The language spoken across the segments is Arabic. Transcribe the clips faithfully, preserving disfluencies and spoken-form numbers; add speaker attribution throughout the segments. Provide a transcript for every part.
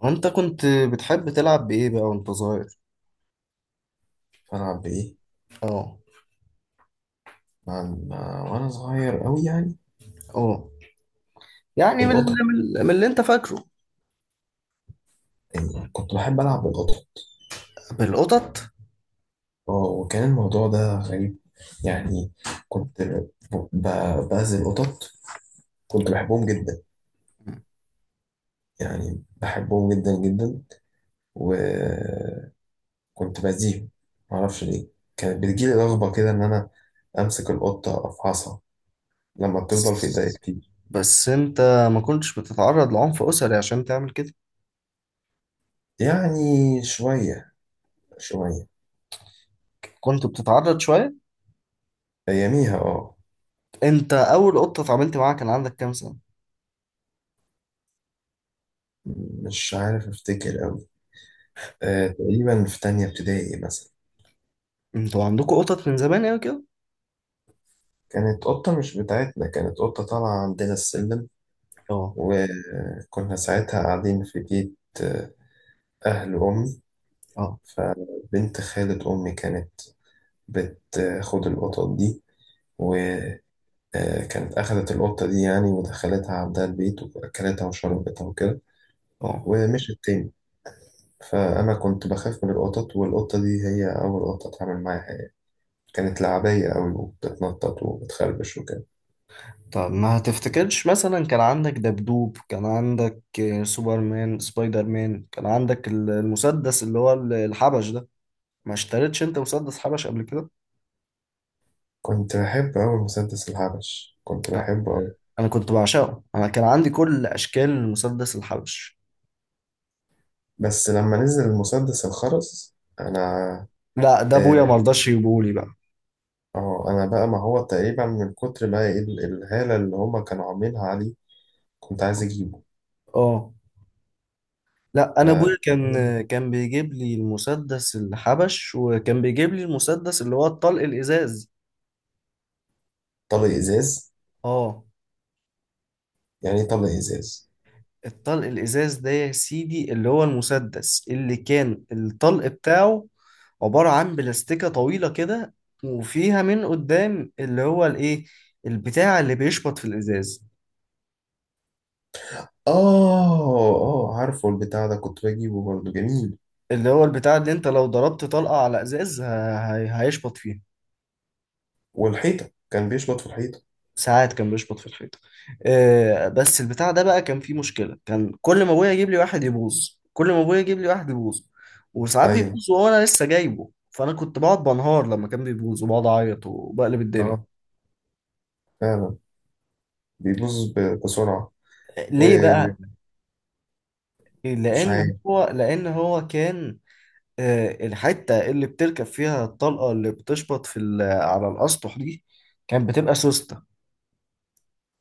Speaker 1: وانت كنت بتحب تلعب بايه بقى وانت صغير؟
Speaker 2: ألعب بإيه؟
Speaker 1: اه.
Speaker 2: مع مع- وأنا صغير أوي يعني
Speaker 1: اه. يعني من
Speaker 2: القطط.
Speaker 1: اللي- من اللي- من اللي انت فاكره؟
Speaker 2: يعني كنت بحب ألعب بالقطط.
Speaker 1: بالقطط.
Speaker 2: اه، وكان الموضوع ده غريب. يعني كنت ب- ب- بأذي القطط. كنت بحبهم جدا، يعني بحبهم جدا جدا، وكنت بأذيهم. معرفش ليه. كانت بتجيلي رغبة كده إن أنا أمسك القطة أفحصها لما بتفضل في إيديا كتير.
Speaker 1: بس انت ما كنتش بتتعرض لعنف اسري عشان تعمل كده؟
Speaker 2: يعني شوية شوية
Speaker 1: كنت بتتعرض شويه؟
Speaker 2: أياميها، اه.
Speaker 1: انت اول قطه اتعاملت معاها كان عندك كام سنه؟
Speaker 2: مش عارف أفتكر أوي. آه، تقريبا في تانية ابتدائي مثلا.
Speaker 1: انتوا عندكم قطط من زمان قوي كده؟
Speaker 2: كانت قطة مش بتاعتنا، كانت قطة طالعة عندنا السلم،
Speaker 1: اه.
Speaker 2: وكنا ساعتها قاعدين في بيت آه، أهل أمي.
Speaker 1: اه.
Speaker 2: فبنت خالة أمي كانت بتاخد القطط دي، وكانت أخدت القطة دي يعني ودخلتها عندها البيت وأكلتها وشربتها وكده،
Speaker 1: اه.
Speaker 2: ومشت تاني. فأنا كنت بخاف من القطط، والقطة دي هي أول قطة أتعامل معاها يعني. كانت لعبية أوي وبتتنطط وبتخربش وكده.
Speaker 1: طب ما هتفتكرش مثلا كان عندك دبدوب، كان عندك آه، سوبرمان، سبايدر مان، كان عندك ال- المسدس اللي هو ال- الحبش ده؟ ما اشتريتش انت مسدس حبش قبل كده؟
Speaker 2: كنت بحب أوي مسدس الحبش، كنت
Speaker 1: آه.
Speaker 2: بحبه أوي.
Speaker 1: انا كنت بعشقه، انا كان عندي كل اشكال المسدس الحبش.
Speaker 2: بس لما نزل المسدس الخرز، أنا
Speaker 1: لا، ده ابويا ما
Speaker 2: اه،
Speaker 1: رضاش يجيبهولي بقى.
Speaker 2: آه، أنا بقى ما هو تقريبا من كتر ما ال- الهالة اللي هما كانوا عاملينها عليه كنت عايز أجيبه.
Speaker 1: اه. لا، انا ابويا
Speaker 2: ف-
Speaker 1: كان، كان بيجيب لي المسدس الحبش، وكان بيجيب لي المسدس اللي هو الطلق الازاز.
Speaker 2: طلق إزاز،
Speaker 1: اه.
Speaker 2: يعني إيه طلق إزاز؟
Speaker 1: الطلق الازاز ده يا سيدي اللي هو المسدس اللي كان الطلق بتاعه عبارة عن بلاستيكة طويلة كده، وفيها من قدام اللي هو الايه، البتاع اللي بيشبط في الازاز.
Speaker 2: آه آه، عارفه البتاع ده، كنت بجيبه برضه، جميل.
Speaker 1: اللي هو البتاع اللي انت لو ضربت طلقة على ازاز ه- هي- هيشبط فيه.
Speaker 2: والحيطة، كان بيشبط في الحيطة.
Speaker 1: ساعات كان بيشبط في الحيطة. آه، بس البتاع ده بقى كان فيه مشكلة، كان كل ما ابويا يجيب لي واحد يبوظ، كل ما ابويا يجيب لي واحد يبوظ. وساعات
Speaker 2: أيوه،
Speaker 1: بيبوظ وانا لسه جايبه، فانا كنت بقعد بنهار لما كان بيبوظ وبقعد اعيط وبقلب الدنيا.
Speaker 2: آه، فعلا. بيبوظ ب- بسرعة.
Speaker 1: آه، ليه
Speaker 2: ومش
Speaker 1: بقى؟ لان
Speaker 2: عارف.
Speaker 1: هو لان هو كان آه، الحتة اللي بتركب فيها الطلقة اللي بتشبط في ال- على الاسطح دي كانت بتبقى سوستة.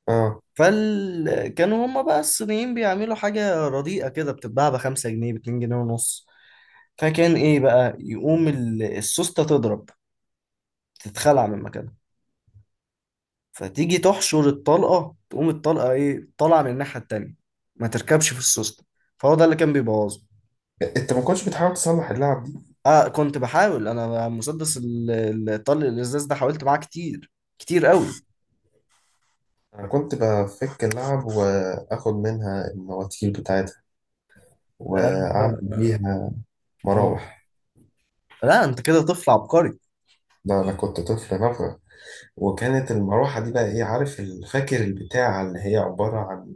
Speaker 2: آه.
Speaker 1: فكانوا هما بقى الصينيين بيعملوا حاجة رديئة كده بتتباع بخمسة جنيه، باتنين جنيه ونص. فكان ايه بقى، يقوم ال- السوستة تضرب، تتخلع من مكانها، فتيجي تحشر الطلقة تقوم الطلقة ايه طالعة من الناحية التانية، ما تركبش في السوستة. فهو ده اللي كان بيبوظه.
Speaker 2: أنت ما كنتش بتحاول تصلح اللعبة؟
Speaker 1: اه، كنت بحاول، انا مسدس ال- الطلق الازاز ده حاولت معاه كتير، كتير قوي.
Speaker 2: أنا كنت بفك اللعب وآخد منها المواتير بتاعتها
Speaker 1: اه.
Speaker 2: وأعمل بيها
Speaker 1: آه.
Speaker 2: مراوح.
Speaker 1: لا، انت كده طفل عبقري.
Speaker 2: ده أنا كنت طفل نفغ. وكانت المروحة دي بقى إيه، عارف الفاكر البتاع اللي هي عبارة عن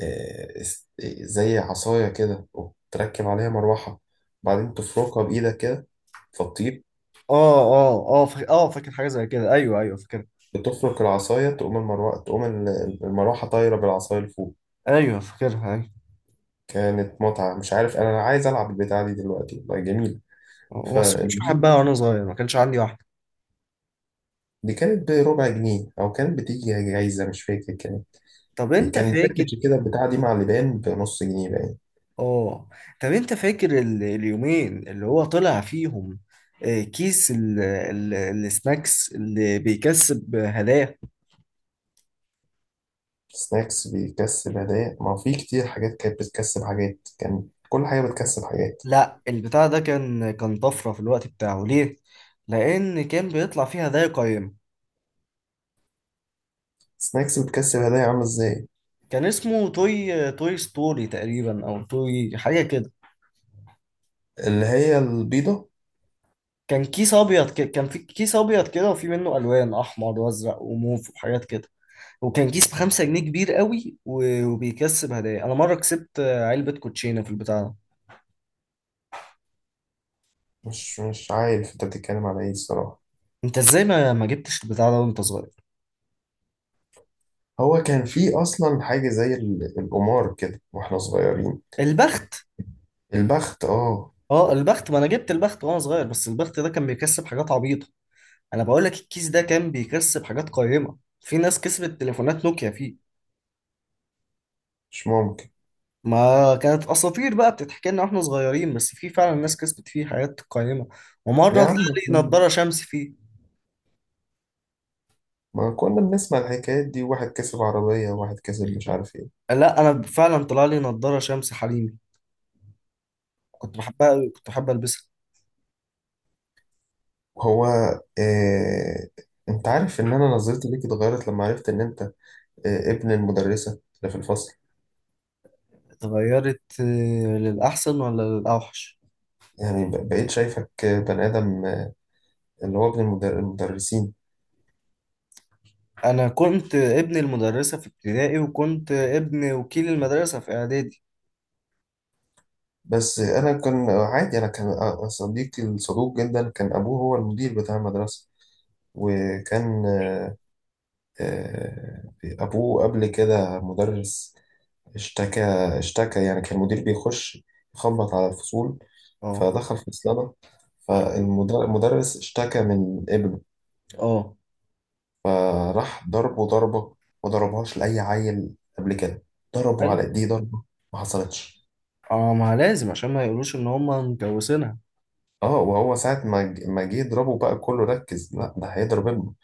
Speaker 2: آه، است- زي عصاية كده وتركب عليها مروحة، بعدين تفركها بإيدك كده فتطير.
Speaker 1: اه. اه. اه. فا- اه فاكر حاجة زي كده، ايوه، ايوه، فاكر.
Speaker 2: بتفرك العصاية تقوم المروحة، تقوم ال- المروحة طايرة بالعصاية لفوق.
Speaker 1: ايوه فاكرها، ايوه.
Speaker 2: كانت متعة، مش عارف، أنا عايز ألعب البتاع دي دلوقتي، والله جميل. ف
Speaker 1: وما سبتش بحبها وانا صغير، ما كانش عندي واحده.
Speaker 2: دي كانت بربع جنيه او كانت بتيجي جايزه، مش فاكر. كانت
Speaker 1: طب انت
Speaker 2: كان
Speaker 1: فاكر؟
Speaker 2: باكج كده بتاع دي مع لبان بنص جنيه باين.
Speaker 1: اه. طب انت فاكر ال... اليومين اللي هو طلع فيهم آه، كيس ال... ال... السناكس اللي بيكسب هدايا؟
Speaker 2: سناكس بيكسب هدايا؟ ما هو في كتير حاجات كانت بتكسب حاجات، كان كل حاجه بتكسب حاجات.
Speaker 1: لا، البتاع ده كان كان طفره في الوقت بتاعه، ليه؟ لان كان بيطلع فيه هدايا قيمه.
Speaker 2: سناكس بتكسب هدايا عامله ازاي؟
Speaker 1: كان اسمه توي توي ستوري تقريبا، او توي، حاجه كده.
Speaker 2: اللي هي البيضه؟
Speaker 1: كان كيس ابيض ك... كان في كيس ابيض كده، وفي منه الوان احمر وازرق وموف وحاجات كده. وكان كيس بخمسة جنيه، كبير قوي، و- وبيكسب هدايا. انا مره كسبت علبه كوتشينه في البتاع ده.
Speaker 2: مش مش عارف انت بتتكلم على ايه الصراحه.
Speaker 1: انت ازاي ما ما جبتش البتاع ده وانت صغير؟
Speaker 2: هو كان في اصلا حاجه زي ال- القمار كده واحنا صغيرين.
Speaker 1: البخت.
Speaker 2: البخت، اه.
Speaker 1: اه، البخت، ما انا جبت البخت وانا صغير، بس البخت ده كان بيكسب حاجات عبيطه. انا بقول لك الكيس ده كان بيكسب حاجات قيمه، في ناس كسبت تليفونات نوكيا فيه.
Speaker 2: مش ممكن.
Speaker 1: ما كانت اساطير بقى بتتحكي لنا واحنا صغيرين، بس في فعلا ناس كسبت فيه حاجات قيمه. ومره
Speaker 2: يا
Speaker 1: طلع
Speaker 2: عم،
Speaker 1: لي نضاره شمس فيه.
Speaker 2: ما كنا بنسمع الحكايات دي، واحد كسب عربية وواحد كسب مش عارف ايه.
Speaker 1: لا، انا فعلا طلع لي نضاره شمس حريمي، كنت بحبها قوي، كنت بحب البسها.
Speaker 2: هو إيه... انت عارف ان انا نظرتي ليك اتغيرت لما عرفت ان انت إيه، ابن المدرسة اللي في الفصل.
Speaker 1: اتغيرت آه، للأحسن ولا للأوحش؟
Speaker 2: يعني ب- بقيت شايفك آه، بني ادم، آه، اللي هو ابن المدر- المدرسين.
Speaker 1: أنا كنت ابن المدرسة في ابتدائي، وكنت ابن وكيل المدرسة في إعدادي.
Speaker 2: بس آه، انا كان عادي، انا كان آه، صديقي الصدوق جدا كان ابوه هو المدير بتاع المدرسة. وكان آه، آه، أبوه قبل كده مدرس. اشتكى، اشتكى يعني. كان المدير بيخش يخبط على الفصول،
Speaker 1: اه.
Speaker 2: فدخل فصلنا، فالمدرس اشتكى من ابنه.
Speaker 1: اه.
Speaker 2: فراح ضربه ضربة، ما ضربهاش لأي عيل قبل كده. ضربه على
Speaker 1: أيوة.
Speaker 2: ايديه ضربة ما حصلتش.
Speaker 1: اه، ما لازم عشان ما يقولوش إن هما مجوزينها.
Speaker 2: اه، وهو ساعة ما ج- ما جه يضربه بقى كله ركز، لا ده هيضرب ابنه.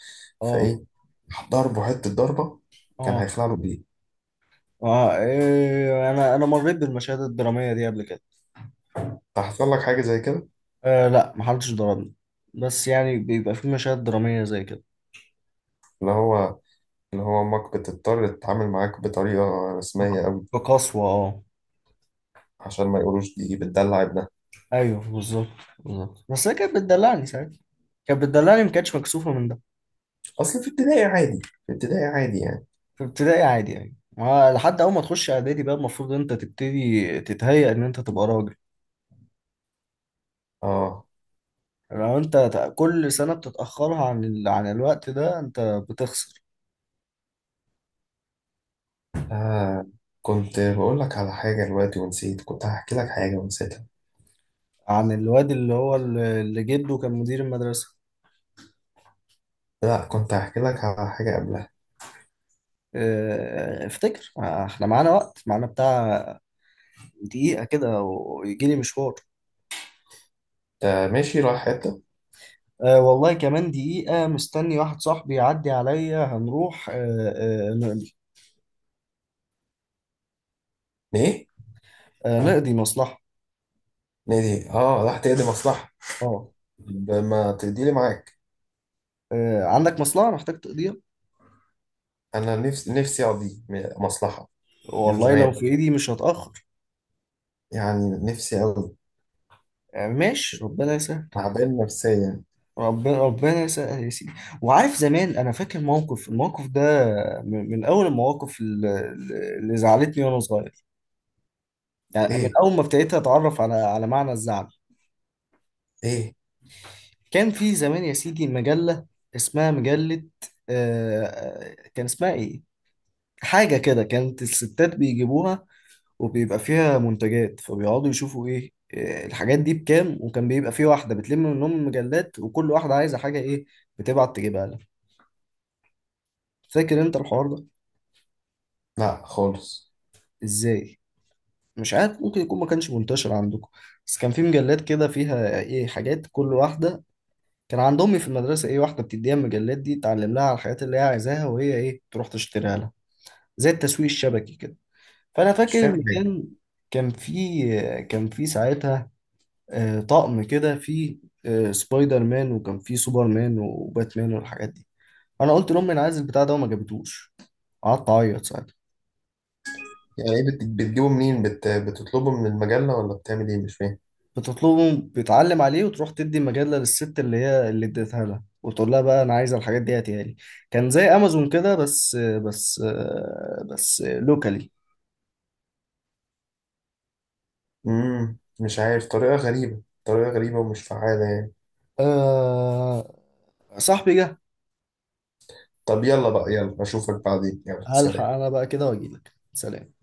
Speaker 1: اه.
Speaker 2: فايه، راح ضربه حتة ضربة، كان
Speaker 1: اه.
Speaker 2: هيخلع له بايه.
Speaker 1: اه. إيه، أنا أنا مريت بالمشاهد الدرامية دي قبل كده.
Speaker 2: تحصل لك حاجة زي كده؟
Speaker 1: آه، لا، محدش ضربني، بس يعني بيبقى في مشاهد درامية زي كده.
Speaker 2: اللي هو اللي هو امك بتضطر تتعامل معاك بطريقة
Speaker 1: بق-
Speaker 2: رسمية،
Speaker 1: بقسوة، اه.
Speaker 2: عشان ما يقولوش دي بتدلع ابنها.
Speaker 1: أيوه بالظبط، بالظبط، بس هي كانت بتدلعني ساعتها، كانت بتدلعني، ما كانتش مكسوفة من ده.
Speaker 2: اصل في ابتدائي عادي، في ابتدائي عادي يعني.
Speaker 1: في ابتدائي عادي يعني، ما لحد اول ما تخش اعدادي بقى المفروض انت تبتدي تتهيأ ان انت تبقى راجل.
Speaker 2: اه.
Speaker 1: لو انت ت- كل سنة بتتأخرها عن ال... عن الوقت ده انت بتخسر.
Speaker 2: آه. كنت بقول لك على حاجة دلوقتي ونسيت، كنت هحكي لك حاجة ونسيتها.
Speaker 1: عن الواد اللي هو ال- اللي جده كان مدير المدرسة.
Speaker 2: لا كنت هحكي لك على حاجة قبلها.
Speaker 1: اه، افتكر، ما احنا معانا وقت، معانا بتاع دقيقة كده ويجي لي مشوار.
Speaker 2: انت ماشي رايح حتة
Speaker 1: أه، والله كمان دقيقة، مستني واحد صاحبي يعدي عليا هنروح. أه. أه نقضي.
Speaker 2: ليه؟
Speaker 1: أه نقضي مصلحة.
Speaker 2: نادي، اه، راح تقضي مصلحة؟
Speaker 1: اه.
Speaker 2: طب ما تقضي لي معاك،
Speaker 1: أه، عندك مصلحة محتاج تقضيها؟
Speaker 2: انا نفسي نفسي اقضي م- مصلحة من
Speaker 1: والله لو
Speaker 2: زمان،
Speaker 1: في ايدي مش هتأخر.
Speaker 2: يعني نفسي أوي،
Speaker 1: يعني ماشي، ربنا يسهل.
Speaker 2: تعبان نفسيا.
Speaker 1: ربنا، ربنا يسهل يا سيدي. وعارف زمان، انا فاكر موقف، الموقف ده من من اول المواقف اللي اللي زعلتني وانا صغير، يعني من
Speaker 2: ايه؟
Speaker 1: اول ما ابتديت اتعرف على على معنى الزعل.
Speaker 2: ايه؟
Speaker 1: كان في زمان يا سيدي مجلة اسمها مجلة، آه، آه، كان اسمها ايه، حاجة كده، كانت الستات بيجيبوها، وبيبقى فيها منتجات، فبيقعدوا يشوفوا ايه إيه الحاجات دي بكام، وكان بيبقى في واحدة بتلم منهم مجلات وكل واحدة عايزة حاجة ايه بتبعت تجيبها لها. فاكر انت الحوار ده؟
Speaker 2: لا خالص.
Speaker 1: ازاي؟ مش عارف، ممكن يكون ما كانش منتشر عندكم، بس كان في مجلات كده فيها ايه حاجات كل واحدة. كان عند امي في المدرسة ايه واحدة بتديها المجلات دي تعلم لها على الحاجات اللي هي عايزاها، وهي ايه تروح تشتريها لها. زي التسويق الشبكي كده. فانا
Speaker 2: مش
Speaker 1: فاكر ان
Speaker 2: فاهم.
Speaker 1: كان كان في كان في ساعتها آه، طقم كده فيه آه، سبايدر مان، وكان فيه سوبر مان وباتمان والحاجات دي. انا قلت لامي انا عايز البتاع ده وما جابتوش، قعدت اعيط ساعتها.
Speaker 2: يعني ايه، بت- بتجيبه منين، بت... بتطلبه من المجلة ولا بتعمل ايه؟ مش فاهم.
Speaker 1: بتطلبه، بتعلم عليه وتروح تدي المجله للست اللي هي اللي اديتها لها، وتقول لها بقى انا عايزه الحاجات دي هاتيها لي. كان زي امازون كده، بس بس آه، بس لوكالي.
Speaker 2: امم، مش عارف، طريقة غريبة، طريقة غريبة ومش فعالة يعني.
Speaker 1: أه، صاحبي جه.
Speaker 2: طب يلا بقى، يلا اشوفك بعدين، يلا
Speaker 1: هلحق
Speaker 2: سلام.
Speaker 1: انا بقى كده واجيلك. سلام.